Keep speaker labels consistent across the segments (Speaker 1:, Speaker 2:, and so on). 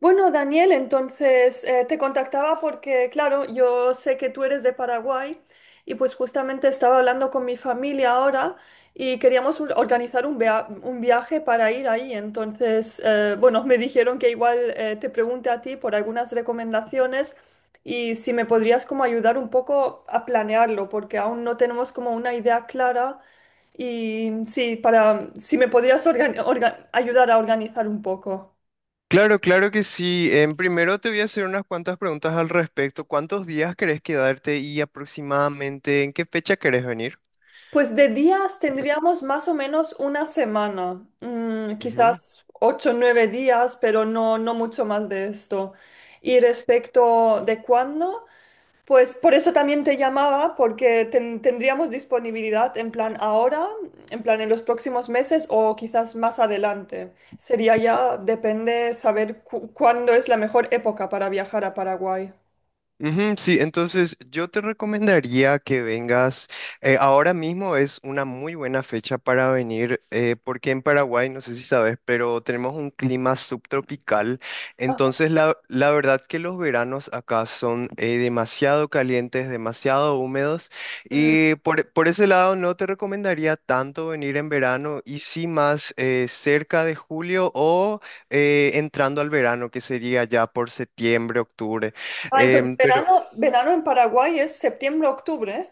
Speaker 1: Bueno, Daniel, entonces te contactaba porque, claro, yo sé que tú eres de Paraguay, y pues justamente estaba hablando con mi familia ahora y queríamos organizar un viaje para ir ahí. Entonces, bueno, me dijeron que igual te pregunte a ti por algunas recomendaciones y si me podrías como ayudar un poco a planearlo, porque aún no tenemos como una idea clara. Y sí, para si me podrías ayudar a organizar un poco.
Speaker 2: Claro, claro que sí. En primero te voy a hacer unas cuantas preguntas al respecto. ¿Cuántos días querés quedarte y aproximadamente en qué fecha querés venir?
Speaker 1: Pues de días tendríamos más o menos una semana, quizás ocho o nueve días, pero no mucho más de esto. Y respecto de cuándo, pues por eso también te llamaba, porque tendríamos disponibilidad en plan ahora, en plan en los próximos meses o quizás más adelante. Sería ya, depende saber cuándo es la mejor época para viajar a Paraguay.
Speaker 2: Ujú, sí, entonces yo te recomendaría que vengas. Ahora mismo es una muy buena fecha para venir, porque en Paraguay, no sé si sabes, pero tenemos un clima subtropical.
Speaker 1: Ah,
Speaker 2: Entonces, la verdad que los veranos acá son demasiado calientes, demasiado húmedos.
Speaker 1: mm.
Speaker 2: Y por ese lado, no te recomendaría tanto venir en verano y sí más cerca de julio o entrando al verano, que sería ya por septiembre, octubre.
Speaker 1: Ah, entonces
Speaker 2: Em,
Speaker 1: verano, verano en Paraguay es septiembre, octubre.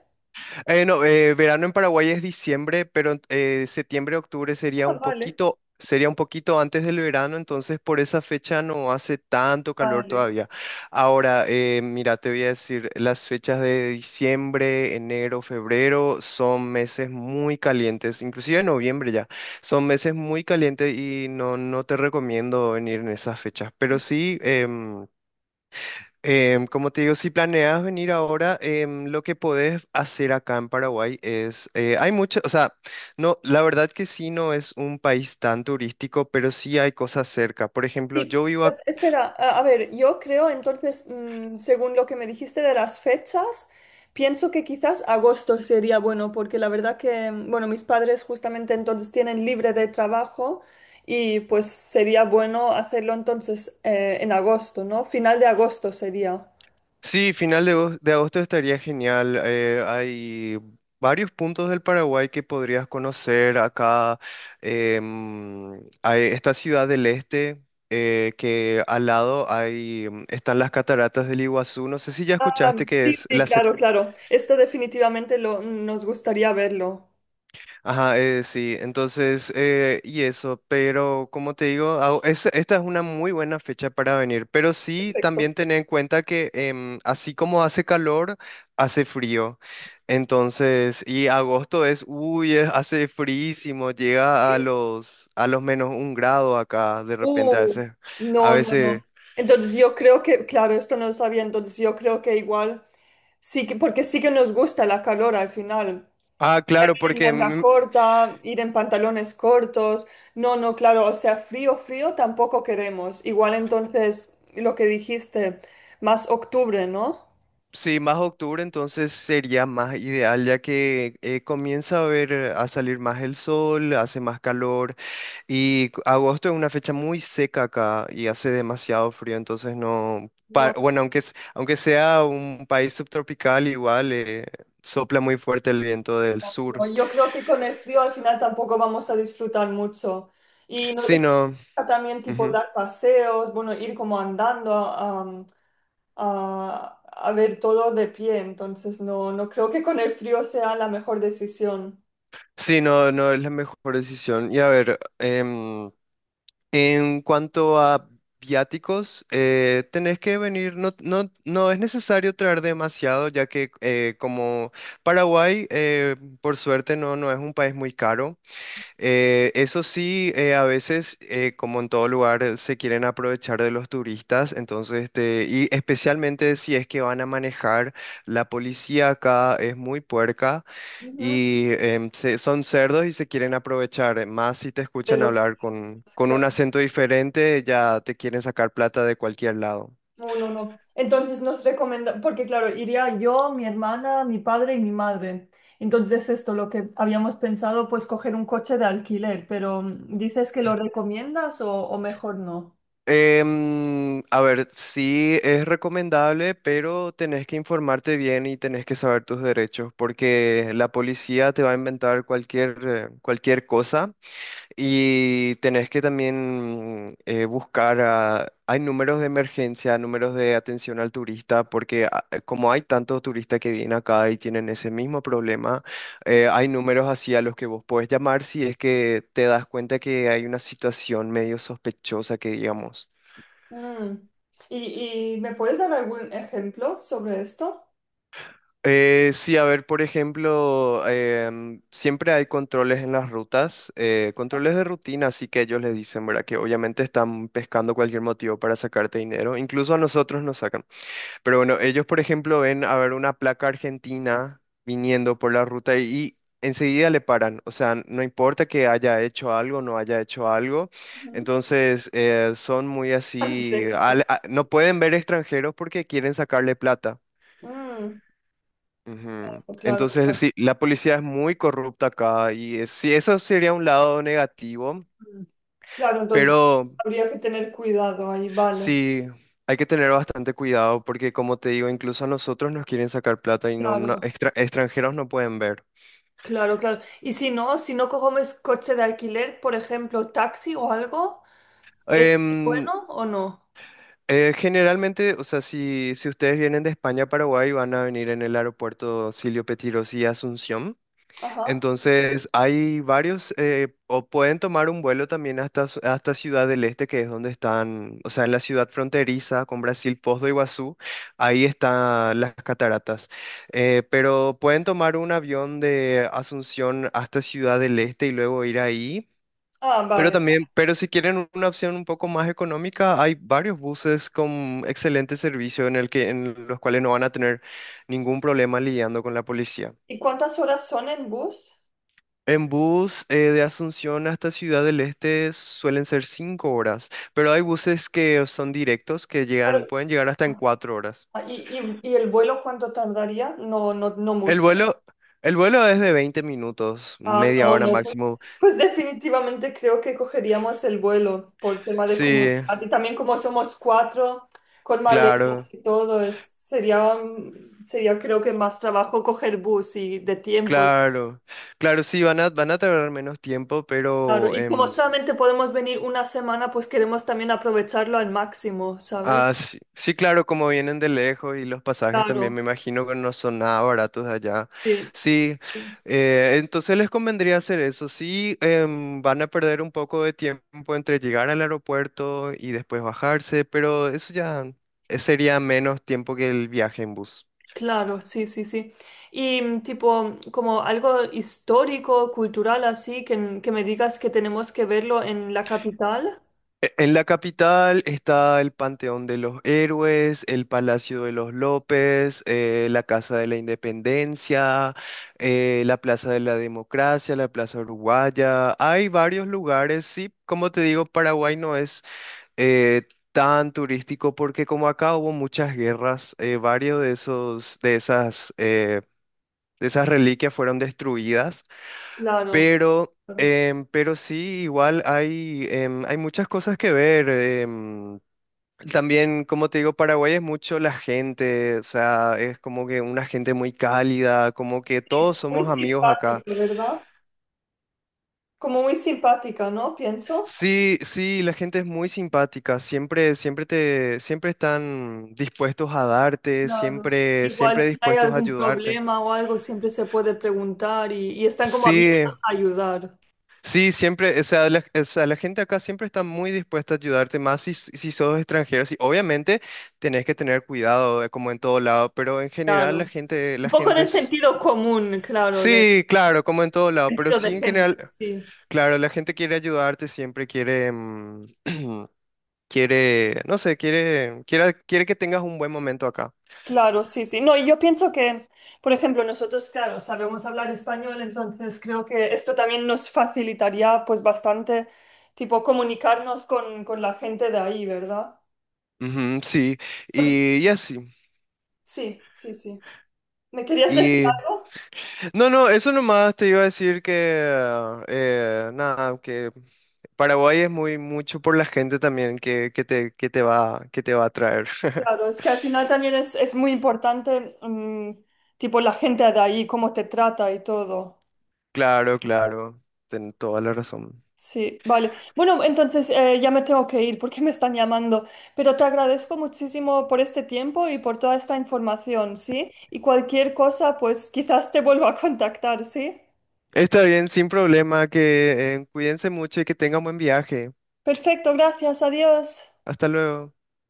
Speaker 2: No, verano en Paraguay es diciembre, pero septiembre, octubre
Speaker 1: Ah, vale.
Speaker 2: sería un poquito antes del verano, entonces por esa fecha no hace tanto calor
Speaker 1: Vale.
Speaker 2: todavía. Ahora, mira, te voy a decir, las fechas de diciembre, enero, febrero son meses muy calientes, inclusive noviembre ya, son meses muy calientes y no te recomiendo venir en esas fechas, pero sí. Como te digo, si planeas venir ahora, lo que podés hacer acá en Paraguay es, hay mucho, o sea, no, la verdad que sí no es un país tan turístico, pero sí hay cosas cerca. Por ejemplo,
Speaker 1: Sí
Speaker 2: yo vivo acá.
Speaker 1: pues, espera, a ver, yo creo entonces, mm, según lo que me dijiste de las fechas, pienso que quizás agosto sería bueno, porque la verdad que, mm, bueno, mis padres justamente entonces tienen libre de trabajo y pues sería bueno hacerlo entonces en agosto, ¿no? Final de agosto sería.
Speaker 2: Sí, final de agosto estaría genial. Hay varios puntos del Paraguay que podrías conocer acá. em, Hay esta ciudad del este. Que al lado hay, están las cataratas del Iguazú. No sé si ya
Speaker 1: Ah,
Speaker 2: escuchaste que
Speaker 1: sí,
Speaker 2: es
Speaker 1: sí,
Speaker 2: la...
Speaker 1: claro, claro. Esto definitivamente lo, nos gustaría verlo.
Speaker 2: Ajá, sí, entonces, y eso, pero como te digo, esta es una muy buena fecha para venir, pero sí
Speaker 1: Perfecto.
Speaker 2: también tener en cuenta que así como hace calor, hace frío. Entonces, y agosto hace fríísimo, llega a los -1 grado acá, de repente a
Speaker 1: Uh,
Speaker 2: veces, a
Speaker 1: no, no,
Speaker 2: veces.
Speaker 1: no. Entonces yo creo que, claro, esto no lo sabía, entonces yo creo que igual sí que, porque sí que nos gusta la calor al final.
Speaker 2: Ah, claro.
Speaker 1: Ir en manga corta, ir en pantalones cortos. No, no, claro, o sea, frío, frío tampoco queremos. Igual entonces lo que dijiste, más octubre, ¿no?
Speaker 2: Sí, más octubre entonces sería más ideal ya que comienza a ver a salir más el sol, hace más calor y agosto es una fecha muy seca acá y hace demasiado frío, entonces no, pa- bueno, aunque sea un país subtropical igual sopla muy fuerte el viento del
Speaker 1: No,
Speaker 2: sur.
Speaker 1: yo creo que con el frío al final tampoco vamos a disfrutar mucho. Y
Speaker 2: Sí, no,
Speaker 1: también tipo
Speaker 2: ujú.
Speaker 1: dar paseos, bueno, ir como andando a, a ver todo de pie. Entonces no, no creo que con el frío sea la mejor decisión.
Speaker 2: Sí, no, no es la mejor decisión. Y a ver, en cuanto a viáticos, tenés que venir, no, no, no es necesario traer demasiado, ya que como Paraguay, por suerte, no, no es un país muy caro. Eso sí, a veces, como en todo lugar, se quieren aprovechar de los turistas, entonces, este, y especialmente si es que van a manejar, la policía acá es muy puerca.
Speaker 1: Ujú.
Speaker 2: Y son cerdos y se quieren aprovechar, más si te
Speaker 1: De
Speaker 2: escuchan
Speaker 1: los
Speaker 2: hablar con un acento diferente, ya te quieren sacar plata de cualquier lado.
Speaker 1: no, no, no. Entonces nos recomienda, porque claro, iría yo, mi hermana, mi padre y mi madre. Entonces esto, lo que habíamos pensado, pues coger un coche de alquiler, pero mm, ¿dices que lo recomiendas o mejor no?
Speaker 2: A ver, sí es recomendable, pero tenés que informarte bien y tenés que saber tus derechos, porque la policía te va a inventar cualquier cosa. Y tenés que también buscar, hay números de emergencia, números de atención al turista, porque como hay tantos turistas que vienen acá y tienen ese mismo problema, hay números así a los que vos podés llamar si es que te das cuenta que hay una situación medio sospechosa que digamos.
Speaker 1: Mm. Y me puedes dar algún ejemplo sobre esto?
Speaker 2: Sí, a ver, por ejemplo, siempre hay controles en las rutas, controles de rutina, así que ellos les dicen, ¿verdad? Que obviamente están pescando cualquier motivo para sacarte dinero, incluso a nosotros nos sacan. Pero bueno, ellos, por ejemplo, ven a ver una placa argentina viniendo por la ruta y enseguida le paran, o sea, no importa que haya hecho algo, no haya hecho algo,
Speaker 1: Ujú.
Speaker 2: entonces son muy
Speaker 1: Tan
Speaker 2: así,
Speaker 1: directo.
Speaker 2: no pueden ver extranjeros porque quieren sacarle plata.
Speaker 1: Mm,
Speaker 2: Ujú.
Speaker 1: claro,
Speaker 2: Entonces,
Speaker 1: claro.
Speaker 2: sí, la policía es muy corrupta acá y sí, eso sería un lado negativo,
Speaker 1: Mm. Claro, entonces
Speaker 2: pero
Speaker 1: habría que tener cuidado ahí, vale.
Speaker 2: sí, hay que tener bastante cuidado porque como te digo, incluso a nosotros nos quieren sacar plata y
Speaker 1: Claro.
Speaker 2: extranjeros no pueden ver.
Speaker 1: Claro, claro. Y si no, si no cogemos coche de alquiler, por ejemplo, taxi o algo, ¿es
Speaker 2: Em,
Speaker 1: bueno o no?
Speaker 2: Generalmente, o sea, si ustedes vienen de España a Paraguay, van a venir en el aeropuerto Silvio Pettirossi y Asunción.
Speaker 1: Ajá.
Speaker 2: Entonces, hay varios, o pueden tomar un vuelo también hasta Ciudad del Este, que es donde están, o sea, en la ciudad fronteriza con Brasil, Foz do Iguazú, ahí están las cataratas. Pero pueden tomar un avión de Asunción hasta Ciudad del Este y luego ir ahí.
Speaker 1: Ah,
Speaker 2: Pero
Speaker 1: vale.
Speaker 2: también, pero si quieren una opción un poco más económica, hay varios buses con excelente servicio en el que, en los cuales no van a tener ningún problema lidiando con la policía.
Speaker 1: ¿Y cuántas horas son en bus?
Speaker 2: En bus de Asunción hasta Ciudad del Este suelen ser 5 horas, pero hay buses que son directos
Speaker 1: Claro.
Speaker 2: pueden llegar hasta en 4 horas.
Speaker 1: Ah, ¿y, y el vuelo cuánto tardaría? No, no, no
Speaker 2: El
Speaker 1: mucho.
Speaker 2: vuelo, el vuelo es de 20 minutos,
Speaker 1: Ah,
Speaker 2: media
Speaker 1: no,
Speaker 2: hora
Speaker 1: no, pues,
Speaker 2: máximo.
Speaker 1: pues definitivamente creo que cogeríamos el vuelo por tema de
Speaker 2: Sí,
Speaker 1: comodidad. Y también como somos cuatro, con maletas
Speaker 2: claro,
Speaker 1: y todo, es, sería, mm, sería creo que más trabajo coger bus y de tiempo.
Speaker 2: claro, claro, sí, van a tardar menos tiempo,
Speaker 1: Claro,
Speaker 2: pero
Speaker 1: y como solamente podemos venir una semana, pues queremos también aprovecharlo al máximo, ¿sabes?
Speaker 2: ah, sí, sí, claro, como vienen de lejos y los pasajes también me
Speaker 1: Claro,
Speaker 2: imagino que no son nada baratos de allá.
Speaker 1: sí,
Speaker 2: Sí,
Speaker 1: sí.
Speaker 2: entonces les convendría hacer eso. Sí, van a perder un poco de tiempo entre llegar al aeropuerto y después bajarse, pero eso ya sería menos tiempo que el viaje en bus.
Speaker 1: Claro, sí, sí, sí. Y mm, tipo, como algo histórico, cultural, así, que me digas que tenemos que verlo en la capital.
Speaker 2: En la capital está el Panteón de los Héroes, el Palacio de los López, la Casa de la Independencia, la Plaza de la Democracia, la Plaza Uruguaya. Hay varios lugares, sí, como te digo, Paraguay no es eh, tan turístico porque como acá hubo muchas guerras, varios de de esas reliquias fueron destruidas.
Speaker 1: Claro. Claro.
Speaker 2: Pero sí, igual hay, hay muchas cosas que ver. También, como te digo, Paraguay es mucho la gente, o sea, es como que una gente muy cálida, como que
Speaker 1: Sí,
Speaker 2: todos
Speaker 1: muy
Speaker 2: somos amigos acá.
Speaker 1: simpático, ¿verdad? Como muy simpática, ¿no? Pienso.
Speaker 2: Sí, sí, la gente es muy simpática, siempre, siempre están dispuestos a darte,
Speaker 1: Claro.
Speaker 2: siempre,
Speaker 1: Igual
Speaker 2: siempre
Speaker 1: si hay
Speaker 2: dispuestos a
Speaker 1: algún
Speaker 2: ayudarte.
Speaker 1: problema o algo, siempre se puede preguntar y están como
Speaker 2: Sí,
Speaker 1: abiertos a ayudar.
Speaker 2: sí, siempre, o sea, la gente acá siempre está muy dispuesta a ayudarte, más si sos extranjero. Sí, obviamente tenés que tener cuidado, como en todo lado, pero en general la
Speaker 1: Claro.
Speaker 2: gente,
Speaker 1: Un
Speaker 2: la
Speaker 1: poco
Speaker 2: gente
Speaker 1: de
Speaker 2: es...
Speaker 1: sentido común, claro, de
Speaker 2: Sí, claro, como en todo lado, pero
Speaker 1: sentido de
Speaker 2: sí en
Speaker 1: gente,
Speaker 2: general,
Speaker 1: sí.
Speaker 2: claro, la gente quiere ayudarte, siempre quiere, quiere, no sé, quiere, quiere, quiere que tengas un buen momento acá.
Speaker 1: Claro, sí, sí. No, y yo pienso que, por ejemplo, nosotros, claro, sabemos hablar español, entonces creo que esto también nos facilitaría pues bastante, tipo, comunicarnos con la gente de ahí, ¿verdad?
Speaker 2: Ujú, sí,
Speaker 1: Por-
Speaker 2: y así.
Speaker 1: sí, sí, sí. ¿Me querías decir
Speaker 2: Y
Speaker 1: algo?
Speaker 2: no, no, eso nomás te iba a decir que, nada, que Paraguay es muy mucho por la gente también que te va a atraer.
Speaker 1: Claro, es que al final también es muy importante, mm, tipo, la gente de ahí, cómo te trata y todo.
Speaker 2: Claro, claro, ten toda la razón.
Speaker 1: Sí, vale. Bueno, entonces ya me tengo que ir porque me están llamando, pero te agradezco muchísimo por este tiempo y por toda esta información, ¿sí? Y cualquier cosa, pues quizás te vuelva a contactar, ¿sí?
Speaker 2: Está bien, sin problema, que cuídense mucho y que tengan buen viaje.
Speaker 1: Perfecto, gracias, adiós.
Speaker 2: Hasta luego.